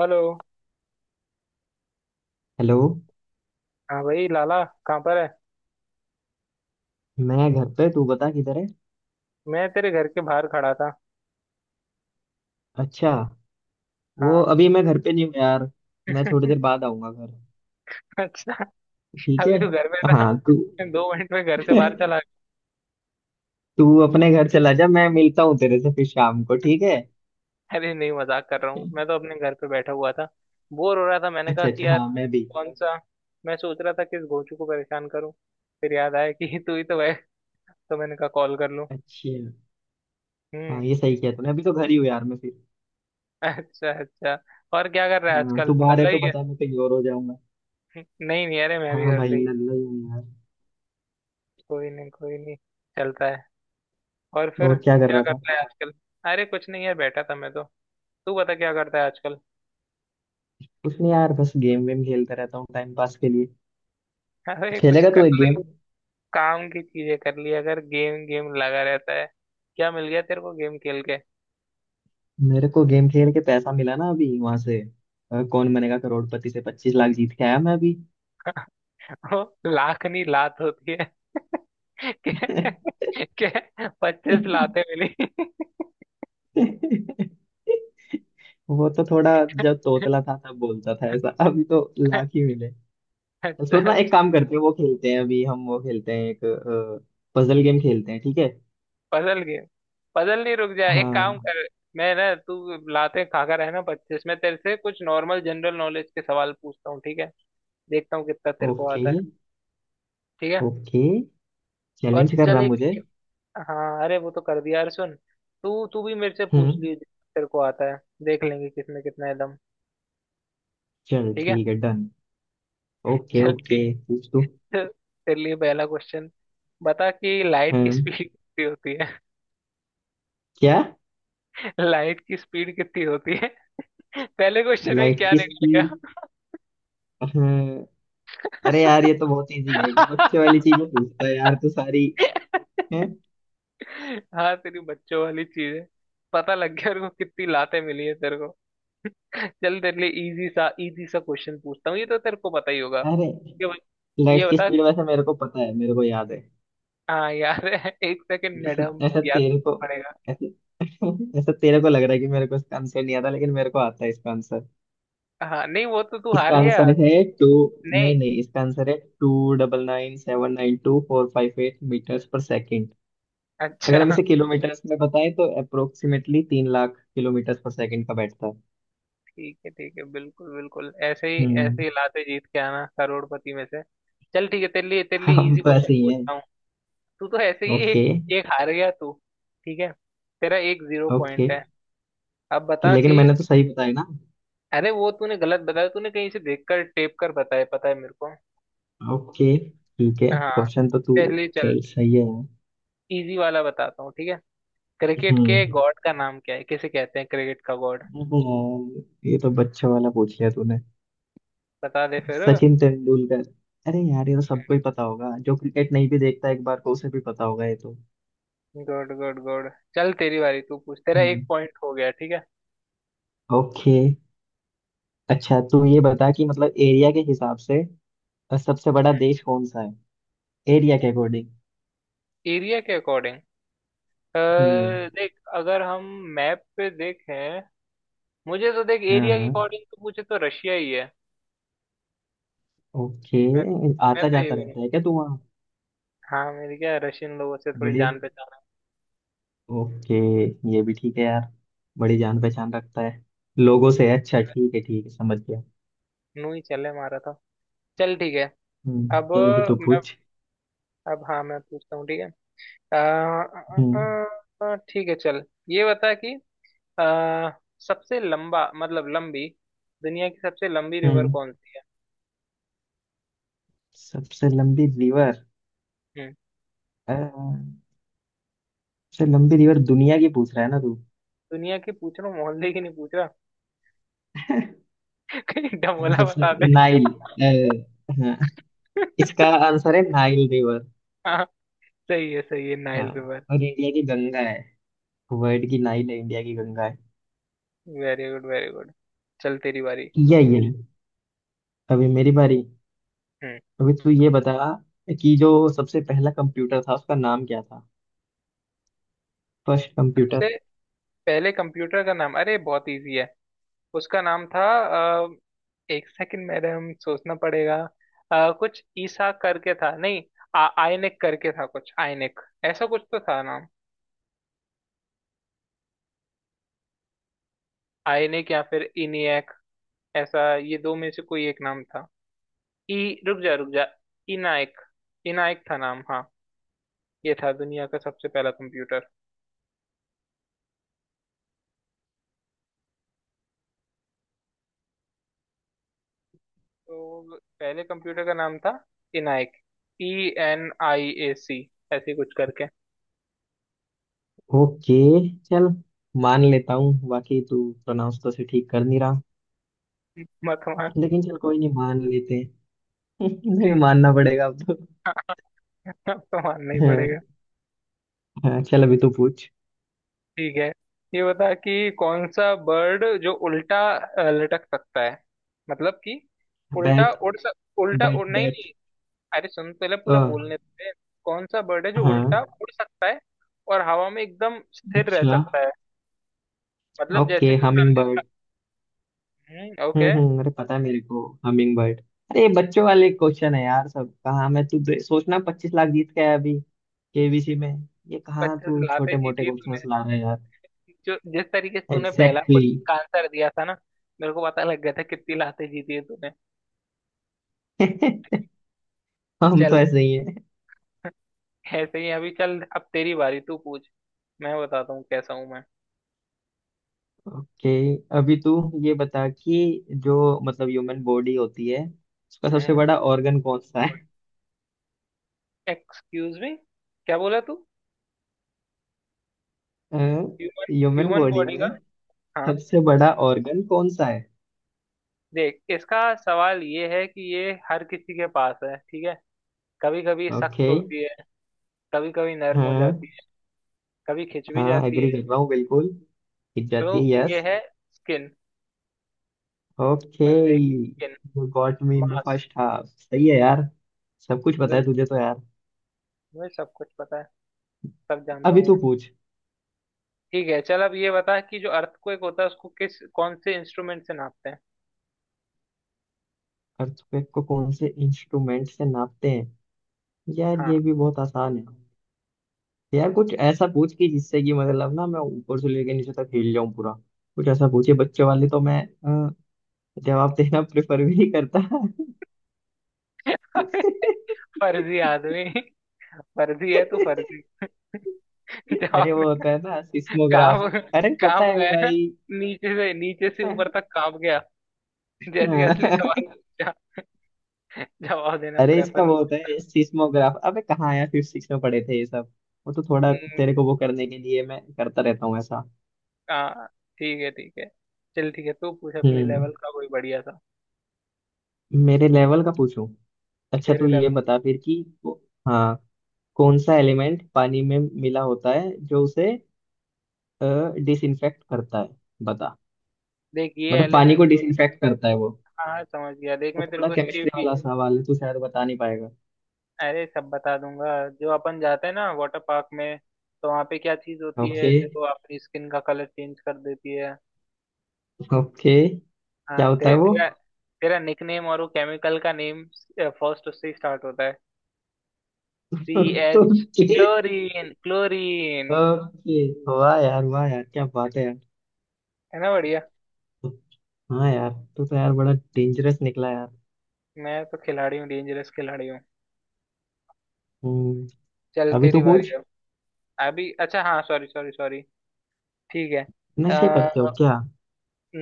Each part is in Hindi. हेलो। हेलो। हाँ भाई, लाला कहाँ पर है? मैं घर पे, तू बता किधर है? मैं तेरे घर के बाहर खड़ा था। अच्छा। वो हाँ। अभी मैं घर पे नहीं हूँ यार। मैं थोड़ी देर बाद आऊंगा घर। अच्छा। ठीक है। अभी तो घर में था। हाँ, तू मैं 2 मिनट में घर से बाहर चला गया। तू अपने घर चला जा, मैं मिलता हूँ तेरे से फिर शाम को, ठीक है। अरे नहीं, मजाक कर रहा हूँ, मैं तो अपने घर पे बैठा हुआ था। बोर हो रहा था, मैंने कहा अच्छा कि अच्छा, यार, हाँ मैं भी। कौन सा, मैं सोच रहा था किस गोचू को परेशान करूँ, फिर याद आया कि तू ही तो है, तो मैंने कहा कॉल कर लूँ। अच्छा। हाँ हम्म। ये सही किया तूने, अभी तो घर ही हूँ यार मैं फिर। अच्छा अच्छा। और क्या कर रहा है हाँ, आजकल, तू बाहर है नल्ला तो ही है? बता, मैं कहीं और हो जाऊंगा। नहीं नहीं, अरे मैं भी हाँ घर भाई, पे ही। लल्ला ही हूँ यार। कोई नहीं कोई नहीं, चलता है। और फिर और क्या कर क्या रहा था? करता है आजकल? अरे कुछ नहीं है, बैठा था मैं तो। तू बता क्या करता है आजकल? कुछ नहीं यार, बस गेम वेम खेलता रहता हूँ टाइम पास के लिए। अरे कुछ खेलेगा तू कर एक गेम? ले, काम की चीजें कर लिया अगर गेम गेम लगा रहता है। क्या मिल गया तेरे को गेम खेल के? मेरे को गेम खेल के पैसा मिला ना अभी वहां से। कौन बनेगा करोड़पति से 25 लाख जीत के आया मैं अभी। वो लाखनी लात होती है। क्या? क्या? 25 लातें मिली? वो तो थोड़ा जब तोतला था तब बोलता था ऐसा, अभी तो लाख ही मिले। तो सुन ना, एक अच्छा। काम करते हैं, वो खेलते हैं अभी हम, वो खेलते हैं एक पजल गेम खेलते हैं, ठीक है। Puzzle game. पजल नहीं, रुक जा, एक काम हाँ। कर। मैं ना, तू लाते खा कर है ना पच्चीस, मैं तेरे से कुछ नॉर्मल जनरल नॉलेज के सवाल पूछता हूँ, ठीक है? देखता हूँ कितना तेरे को ओके आता है। ठीक है। ओके। और चैलेंज कर चल, रहा चलो एक। मुझे? हाँ अरे वो तो कर दिया यार, सुन, तू तू भी मेरे से पूछ ली हम्म, जितना तेरे को आता है। देख लेंगे किसमें कितना है दम। चल ठीक है। ठीक है, डन। ओके चल ओके। ठीक पूछ तू। है, तेरे लिए पहला क्वेश्चन। बता कि लाइट हाँ। की स्पीड कितनी होती है। क्या? लाइट की स्पीड कितनी होती है? पहले क्वेश्चन में लाइट क्या की निकल स्पीड? गया? अरे यार ये तो बहुत इजी है, बच्चे वाली चीज में पूछता है यार तू सारी है। हाँ, तेरी बच्चों वाली चीज है। पता लग गया और कितनी लातें मिली है तेरे को। चल तेरे लिए इजी सा क्वेश्चन पूछता हूँ, ये तो तेरे को पता ही होगा। अरे ये बत- ये लाइट की बता। स्पीड वैसे मेरे को पता है, मेरे को याद है। हाँ यार, एक सेकंड ऐसा मैडम, ऐसा याद तेरे को करना पड़ेगा। ऐसे। ऐसा तेरे को लग रहा है कि मेरे को इसका आंसर नहीं आता, लेकिन मेरे को आता है इसका आंसर। हाँ नहीं, वो तो तू इसका हार गया। आंसर है टू। नहीं। नहीं नहीं, इसका आंसर है 299,792,458 मीटर्स पर सेकेंड। अगर हम अच्छा इसे किलोमीटर्स में बताएं तो अप्रोक्सीमेटली 3 लाख किलोमीटर्स पर सेकेंड का बैठता है। ठीक है ठीक है, बिल्कुल बिल्कुल, हम्म। ऐसे ही लाते जीत के आना करोड़पति में से। चल ठीक है, तेरे लिए हम इजी तो क्वेश्चन ऐसे ही है। पूछता हूँ। तू तो ऐसे ही। ओके एक एक हार गया तू। ठीक है। तेरा एक जीरो ओके। पॉइंट है। अब कि बता लेकिन कि, मैंने तो सही बताया ना? अरे वो तूने गलत बताया, तूने कहीं से देखकर टेप कर बताया, पता है मेरे को। ओके, ठीक है। हाँ। क्वेश्चन तो तू, चलिए चल, चल सही है यार। इजी वाला बताता हूँ, ठीक है। क्रिकेट के हम्म। गॉड का नाम क्या है, किसे कहते हैं क्रिकेट का गॉड? ये तो बच्चों वाला पूछ लिया तूने। बता दे फिर। सचिन तेंदुलकर। अरे यार ये तो सबको ही पता होगा, जो क्रिकेट नहीं भी देखता एक बार को उसे भी पता होगा ये तो। Good good good. चल तेरी बारी, तू पूछ। तेरा एक हम्म, पॉइंट हो गया, ठीक है। ओके। अच्छा तू ये बता कि मतलब एरिया के हिसाब से सबसे बड़ा देश कौन सा है? एरिया के अकॉर्डिंग। एरिया के अकॉर्डिंग। हम्म, देख अगर हम मैप पे देखें, मुझे तो देख एरिया के हाँ, अकॉर्डिंग तो पूछे तो रशिया ही है। ओके। मैं मैं आता तो ये जाता बोलूँ। रहता है क्या तू वहाँ? हाँ मेरी क्या रशियन लोगों से थोड़ी बड़ी, जान पहचान ओके, ये भी ठीक है यार। बड़ी जान पहचान रखता है लोगों से है। है। अच्छा ठीक है ठीक है, समझ गया। नू ही चले मारा था। चल ठीक है। हम्म, अब चल भी तो मैं, पूछ। अब हाँ मैं पूछता हूँ, ठीक है। आ, हम्म आ, आ, ठीक है चल, ये बता कि, आ, सबसे लंबा मतलब लंबी, दुनिया की सबसे लंबी रिवर हम्म। कौन सी है? सबसे लंबी रिवर? हम्म। अ, सबसे लंबी रिवर दुनिया की पूछ रहा है ना तू? दुनिया की पूछ रहा हूँ, मोहल्ले की नहीं पूछ रहा। कहीं अ, डमोला सबसे बता दे। नाइल, हाँ। इसका आंसर है नाइल रिवर। हाँ, सही है सही है, हाँ, नाइल रिवर। और इंडिया की गंगा है। वर्ल्ड की नाइल है, इंडिया की गंगा है। Very good very good. चल तेरी बारी, तू किया ये? पूछ। अभी मेरी बारी। हम्म। अभी तू ये बता कि जो सबसे पहला कंप्यूटर था उसका नाम क्या था? First computer. सबसे पहले कंप्यूटर का नाम, अरे बहुत इजी है। उसका नाम था 1 सेकंड, मेरे हम सोचना पड़ेगा। कुछ ईसा करके था नहीं, आयनिक करके था, कुछ आयनिक, ऐसा कुछ तो था नाम। आयनिक या फिर इनियक, ऐसा ये दो में से कोई एक नाम था। ई, रुक जा रुक जा, इनायक, इनायक था नाम, हाँ। ये था दुनिया का सबसे पहला कंप्यूटर। तो पहले कंप्यूटर का नाम था इनायक, E N I A C, ऐसे कुछ करके। ओके, चल, मान लेता हूँ बाकी तू प्रोनाउंस तो से ठीक कर नहीं रहा, मत मान। लेकिन चल कोई नहीं, मान लेते हैं। नहीं ठीक। मानना पड़ेगा अब तो। मत मान नहीं। हाँ। हाँ, चल, अभी तू पूछ। ठीक है। ये बता कि कौन सा बर्ड जो उल्टा लटक सकता है, मतलब कि, बैट उल्टा उड़, बैट नहीं बैट नहीं, अरे सुन पहले अ पूरा बोलने दे। कौन सा बर्ड है जो हाँ, उल्टा उड़ सकता है और हवा में एकदम स्थिर रह अच्छा। सकता है? मतलब जैसे ओके, कि मान हमिंग ले। बर्ड। ओके। हम्म, अरे पता है मेरे को हमिंग बर्ड। अरे ये बच्चों ठीक है, वाले क्वेश्चन है यार, सब कहाँ मैं तू सोचना, 25 लाख जीत गया है अभी केबीसी में। ये कहाँ पचास तू लाते छोटे मोटे जीती तूने। क्वेश्चन ला रहा है यार? जो जिस तरीके से तूने पहला एग्जैक्टली, क्वेश्चन का आंसर दिया था ना, मेरे को पता लग गया था कितनी लाते जीती है तूने। exactly. हम चल तो ऐसे ही। ऐसे ही, अभी चल, अब तेरी बारी, तू पूछ। मैं बताता हूँ कैसा हूँ मैं। ओके। अभी तू ये बता कि जो मतलब ह्यूमन बॉडी होती है उसका सबसे बड़ा organ कौन सा है? एक्सक्यूज मी, क्या बोला तू? Human, human human body body का? में हाँ। सबसे बड़ा organ कौन सा है? देख, इसका सवाल ये है कि ये हर किसी के पास है, ठीक है। कभी कभी सख्त ओके। होती है, कभी कभी नरम हो हाँ जाती है, कभी खिंच भी हाँ, जाती एग्री कर है। रहा हूँ बिल्कुल। टिक तो जाती है, ये यस। है स्किन, ओके। बंदे की skin, you got me in the months. First half, सही है यार। सब कुछ पता है बिल्कुल, तुझे तो यार। मुझे सब कुछ पता है, सब जानता अभी हूँ तू मैं। पूछ। ठीक है चल, अब ये बता कि जो अर्थक्वेक होता है उसको किस कौन से इंस्ट्रूमेंट से नापते हैं? अर्थक्वेक को कौन से इंस्ट्रूमेंट से नापते हैं? यार ये हाँ। भी बहुत आसान है। यार कुछ ऐसा पूछ कि जिससे कि मतलब ना मैं ऊपर से लेके नीचे तक हिल जाऊं पूरा। कुछ ऐसा पूछिए बच्चे वाले, तो मैं अ, जवाब देना प्रेफर भी नहीं करता। फर्जी आदमी, फर्जी है तू, फर्जी। अरे जवाब वो होता है देना। ना, सिस्मोग्राफ। कांप। अरे पता कांप है गया, भाई। नीचे से ऊपर तक कांप गया जैसे ही असली सवाल पूछा। जवाब देना अरे इसका प्रेफर। वो होता है सिस्मोग्राफ, अबे कहाँ आया, फिफ्थ सिक्स में पढ़े थे ये सब। वो तो थोड़ा हम्म, तेरे को वो करने के लिए मैं करता रहता हूँ ऐसा। हाँ, ठीक है ठीक है। चल ठीक है, तू पूछ अपने हम्म। लेवल का कोई बढ़िया सा। मेरे लेवल का पूछूं? अच्छा तू तेरे ये लेवल का। बता फिर कि हाँ, कौन सा एलिमेंट पानी में मिला होता है जो उसे डिसइंफेक्ट करता है? बता। देख, ये मतलब पानी एलिमेंट को जो, डिसइंफेक्ट करता है वो, हाँ हाँ, समझ गया, देख तो मैं तेरे थोड़ा को इसके केमिस्ट्री वाला पीछे, सवाल है, तू शायद बता नहीं पाएगा। अरे सब बता दूंगा। जो अपन जाते हैं ना वाटर पार्क में, तो वहाँ पे क्या चीज होती ओके है जो अपनी स्किन का कलर चेंज कर देती है? ओके, क्या हाँ, होता है वो? तेरा तेरा निकनेम और वो केमिकल का नेम फर्स्ट उससे ही स्टार्ट होता है। सी, H, okay chlorine chlorine. Okay. वाह यार, वाह यार, क्या बात है यार! है ना बढ़िया। हाँ यार, तू तो यार बड़ा डेंजरस निकला यार। मैं तो खिलाड़ी हूँ, डेंजरस खिलाड़ी हूँ। हम्म। चल अभी तेरी तो बारी पूछ। है। अभी अच्छा, हाँ सॉरी सॉरी सॉरी, ठीक है। नशे करते हो क्या?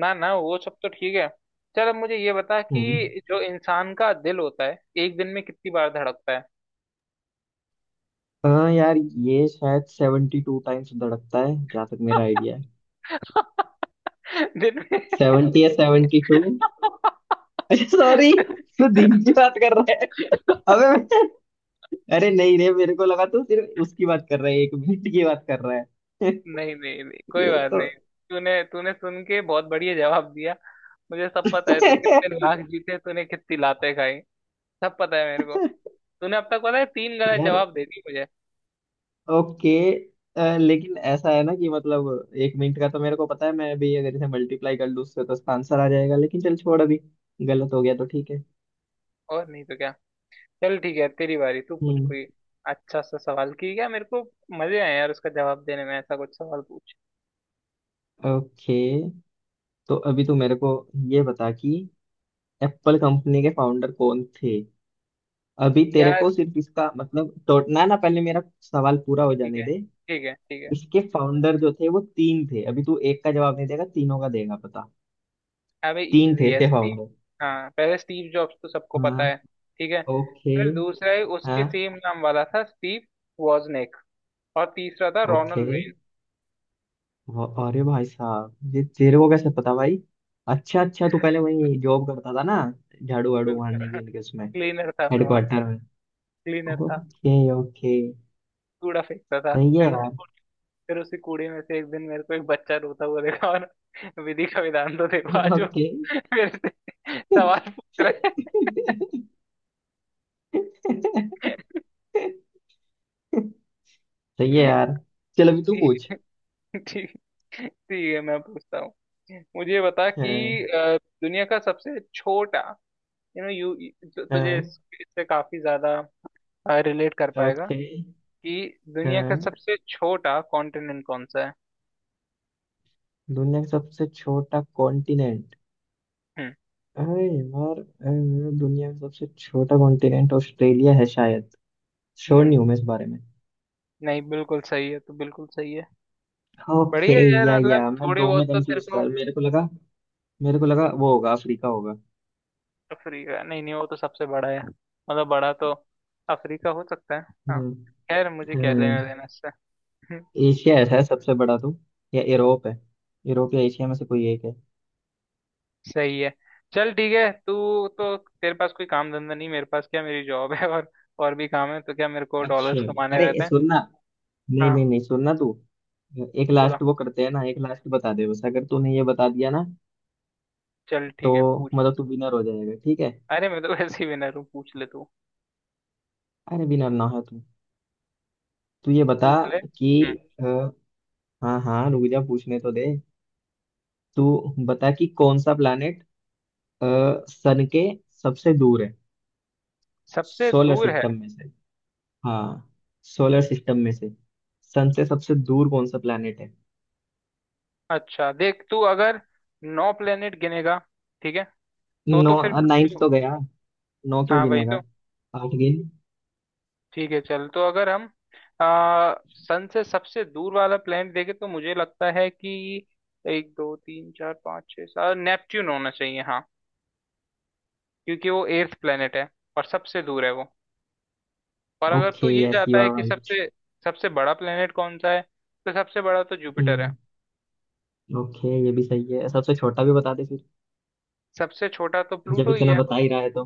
ना ना वो सब तो ठीक है। चल अब मुझे ये बता हम्म। कि जो इंसान का दिल होता है, एक दिन में कितनी बार धड़कता है? हाँ यार, ये शायद 72 टाइम्स धड़कता है, जहाँ तक मेरा आइडिया है। दिन में। 70 या 72? अच्छा सॉरी, तू दिन की बात कर रहा। अबे मैं- अरे नहीं रे, मेरे को लगा तू सिर्फ उसकी बात कर रहा है, एक मिनट की बात कर रहा है। नहीं नहीं नहीं, कोई ये बात तो नहीं, तूने तूने सुन के बहुत बढ़िया जवाब दिया। मुझे सब पता है, तू कितने लाख जीते तूने, कितनी लातें खाई, सब पता है मेरे को। तूने अब तक पता है तीन गलत यार, जवाब दे दिए मुझे, ओके। लेकिन ऐसा है ना कि मतलब एक मिनट का तो मेरे को पता है, मैं भी अगर इसे मल्टीप्लाई कर लूँ उससे तो इसका आंसर आ जाएगा, लेकिन चल छोड़, अभी गलत हो गया तो ठीक है। और नहीं तो क्या। चल ठीक है, तेरी बारी, तू पूछ हम्म, कोई अच्छा सा सवाल की क्या मेरे को मजे आए यार उसका जवाब देने में, ऐसा कुछ सवाल पूछ। ओके। तो अभी तू मेरे को ये बता कि एप्पल कंपनी के फाउंडर कौन थे? अभी तेरे को यार। सिर्फ इसका मतलब, तो ना ना, पहले मेरा सवाल पूरा हो ठीक जाने है दे। ठीक है ठीक है इसके फाउंडर जो थे वो तीन थे, अभी तू एक का जवाब नहीं देगा, तीनों का देगा पता। अबे तीन थे इजी है इसके स्टीव फाउंडर। हाँ पहले स्टीव जॉब्स तो सबको हाँ, पता है ठीक है ओके। फिर दूसरा है उसके हाँ, सेम नाम वाला था स्टीव वॉजनेक और तीसरा था ओके। रोनल वेन अरे भाई साहब, ये तेरे को कैसे पता भाई? अच्छा अच्छा, तू पहले वही जॉब करता था ना, झाड़ू वाड़ू मारने की बिल्कुल उनके उसमें? क्लीनर था मैं वहां का हेडक्वार्टर में? क्लीनर था ओके ओके, कूड़ा फेंकता था सही है फिर यार। उसे फिर उसी कूड़े में से एक दिन मेरे को एक बच्चा रोता हुआ देखा और विधि का विधान तो देखो आज वो ओके, फिर से सवाल पूछ रहा सही है है यार, चल अभी तू पूछ। ठीक ठीक, ठीक है मैं पूछता हूँ, मुझे बता हाँ कि दुनिया का सबसे छोटा, यू नो यू तुझे हाँ, इससे काफी ज्यादा रिलेट कर पाएगा ओके। कि दुनिया का हाँ, सबसे छोटा कॉन्टिनेंट कौन सा है? दुनिया का सबसे छोटा कॉन्टिनेंट? हम्म अरे यार, अरे, दुनिया का सबसे छोटा कॉन्टिनेंट ऑस्ट्रेलिया है शायद, श्योर हम्म। नहीं हूँ मैं इस बारे में। नहीं बिल्कुल सही है, तो बिल्कुल सही है। ओके। बढ़िया है यार, या मतलब मैं थोड़ी दो में बहुत तो तेरे कंफ्यूज था, को। मेरे को लगा, मेरे को लगा वो होगा, अफ्रीका होगा। अफ्रीका नहीं नहीं, वो तो सबसे बड़ा है, मतलब बड़ा तो अफ्रीका हो सकता है। हाँ। हम्म खैर मुझे क्या हम्म। लेना देना इससे। एशिया ऐसा है सबसे बड़ा तो, या यूरोप है, यूरोप या एशिया में से कोई एक है। सही है। चल ठीक है, तू तो, तेरे पास कोई काम धंधा नहीं, मेरे पास क्या, मेरी जॉब है और भी काम है, तो क्या, मेरे को अच्छा। डॉलर्स कमाने अरे ये रहते हैं। सुनना, नहीं नहीं हाँ। नहीं, सुनना तू, एक बोला। लास्ट वो करते हैं ना, एक लास्ट बता दे बस, अगर तूने ये बता दिया ना चल तो ठीक है पूछ। मतलब तू विनर हो जाएगा, ठीक है। अरे मैं तो वैसे ही विनर हूँ, पूछ ले तू। अरे विनर ना हो तू, तू ये बता पूछ ले। कि हम्म। अ, हाँ हाँ रुक जा, पूछने तो दे। तू बता कि कौन सा प्लैनेट सन के सबसे दूर है? सबसे सोलर दूर है? सिस्टम में से, हाँ, सोलर सिस्टम में से सन से सबसे दूर कौन सा प्लैनेट है? अच्छा देख, तू अगर नौ प्लेनेट गिनेगा, ठीक है, तो नौ? तो फिर नाइन्थ प्लूटो। तो गया, नौ क्यों हाँ वही गिनेगा? तो। आठ गिन। ठीक है चल, तो अगर हम सन से सबसे दूर वाला प्लैनेट देखें तो मुझे लगता है कि एक दो तीन चार पाँच छः सात, नेपच्यून होना चाहिए, हाँ, क्योंकि वो एर्थ प्लैनेट है और सबसे दूर है वो। पर अगर ओके, तू ये यस यू चाहता है आर कि राइट। सबसे सबसे बड़ा प्लैनेट कौन सा है, तो सबसे बड़ा तो जुपिटर है। हम्म, ओके, ये भी सही है, सबसे छोटा भी बता दे फिर, सबसे छोटा तो जब प्लूटो ही इतना है। बता ही रहा है तो।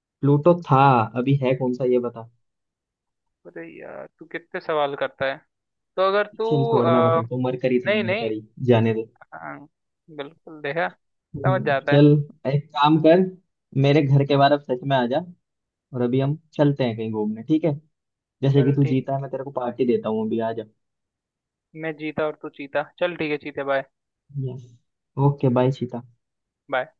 प्लूटो था, अभी है कौन सा ये बता? अरे यार तू कितने सवाल करता है? तो अगर तू, चल छोड़, मैं अ, बताता हूँ, मरकरी था नहीं नहीं, मरकरी, जाने दे। हाँ बिल्कुल, देखा, समझ जाता है। चल, एक काम कर, मेरे घर के बाहर अब सच में आ जा, और अभी हम चलते हैं कहीं घूमने, ठीक है। जैसे कि चल तू ठीक है। जीता है, मैं तेरे को पार्टी देता हूँ, अभी आ जा। मैं जीता और तू चीता, चल ठीक है, चीते bye. Yes. Okay, bye Sita. Bye.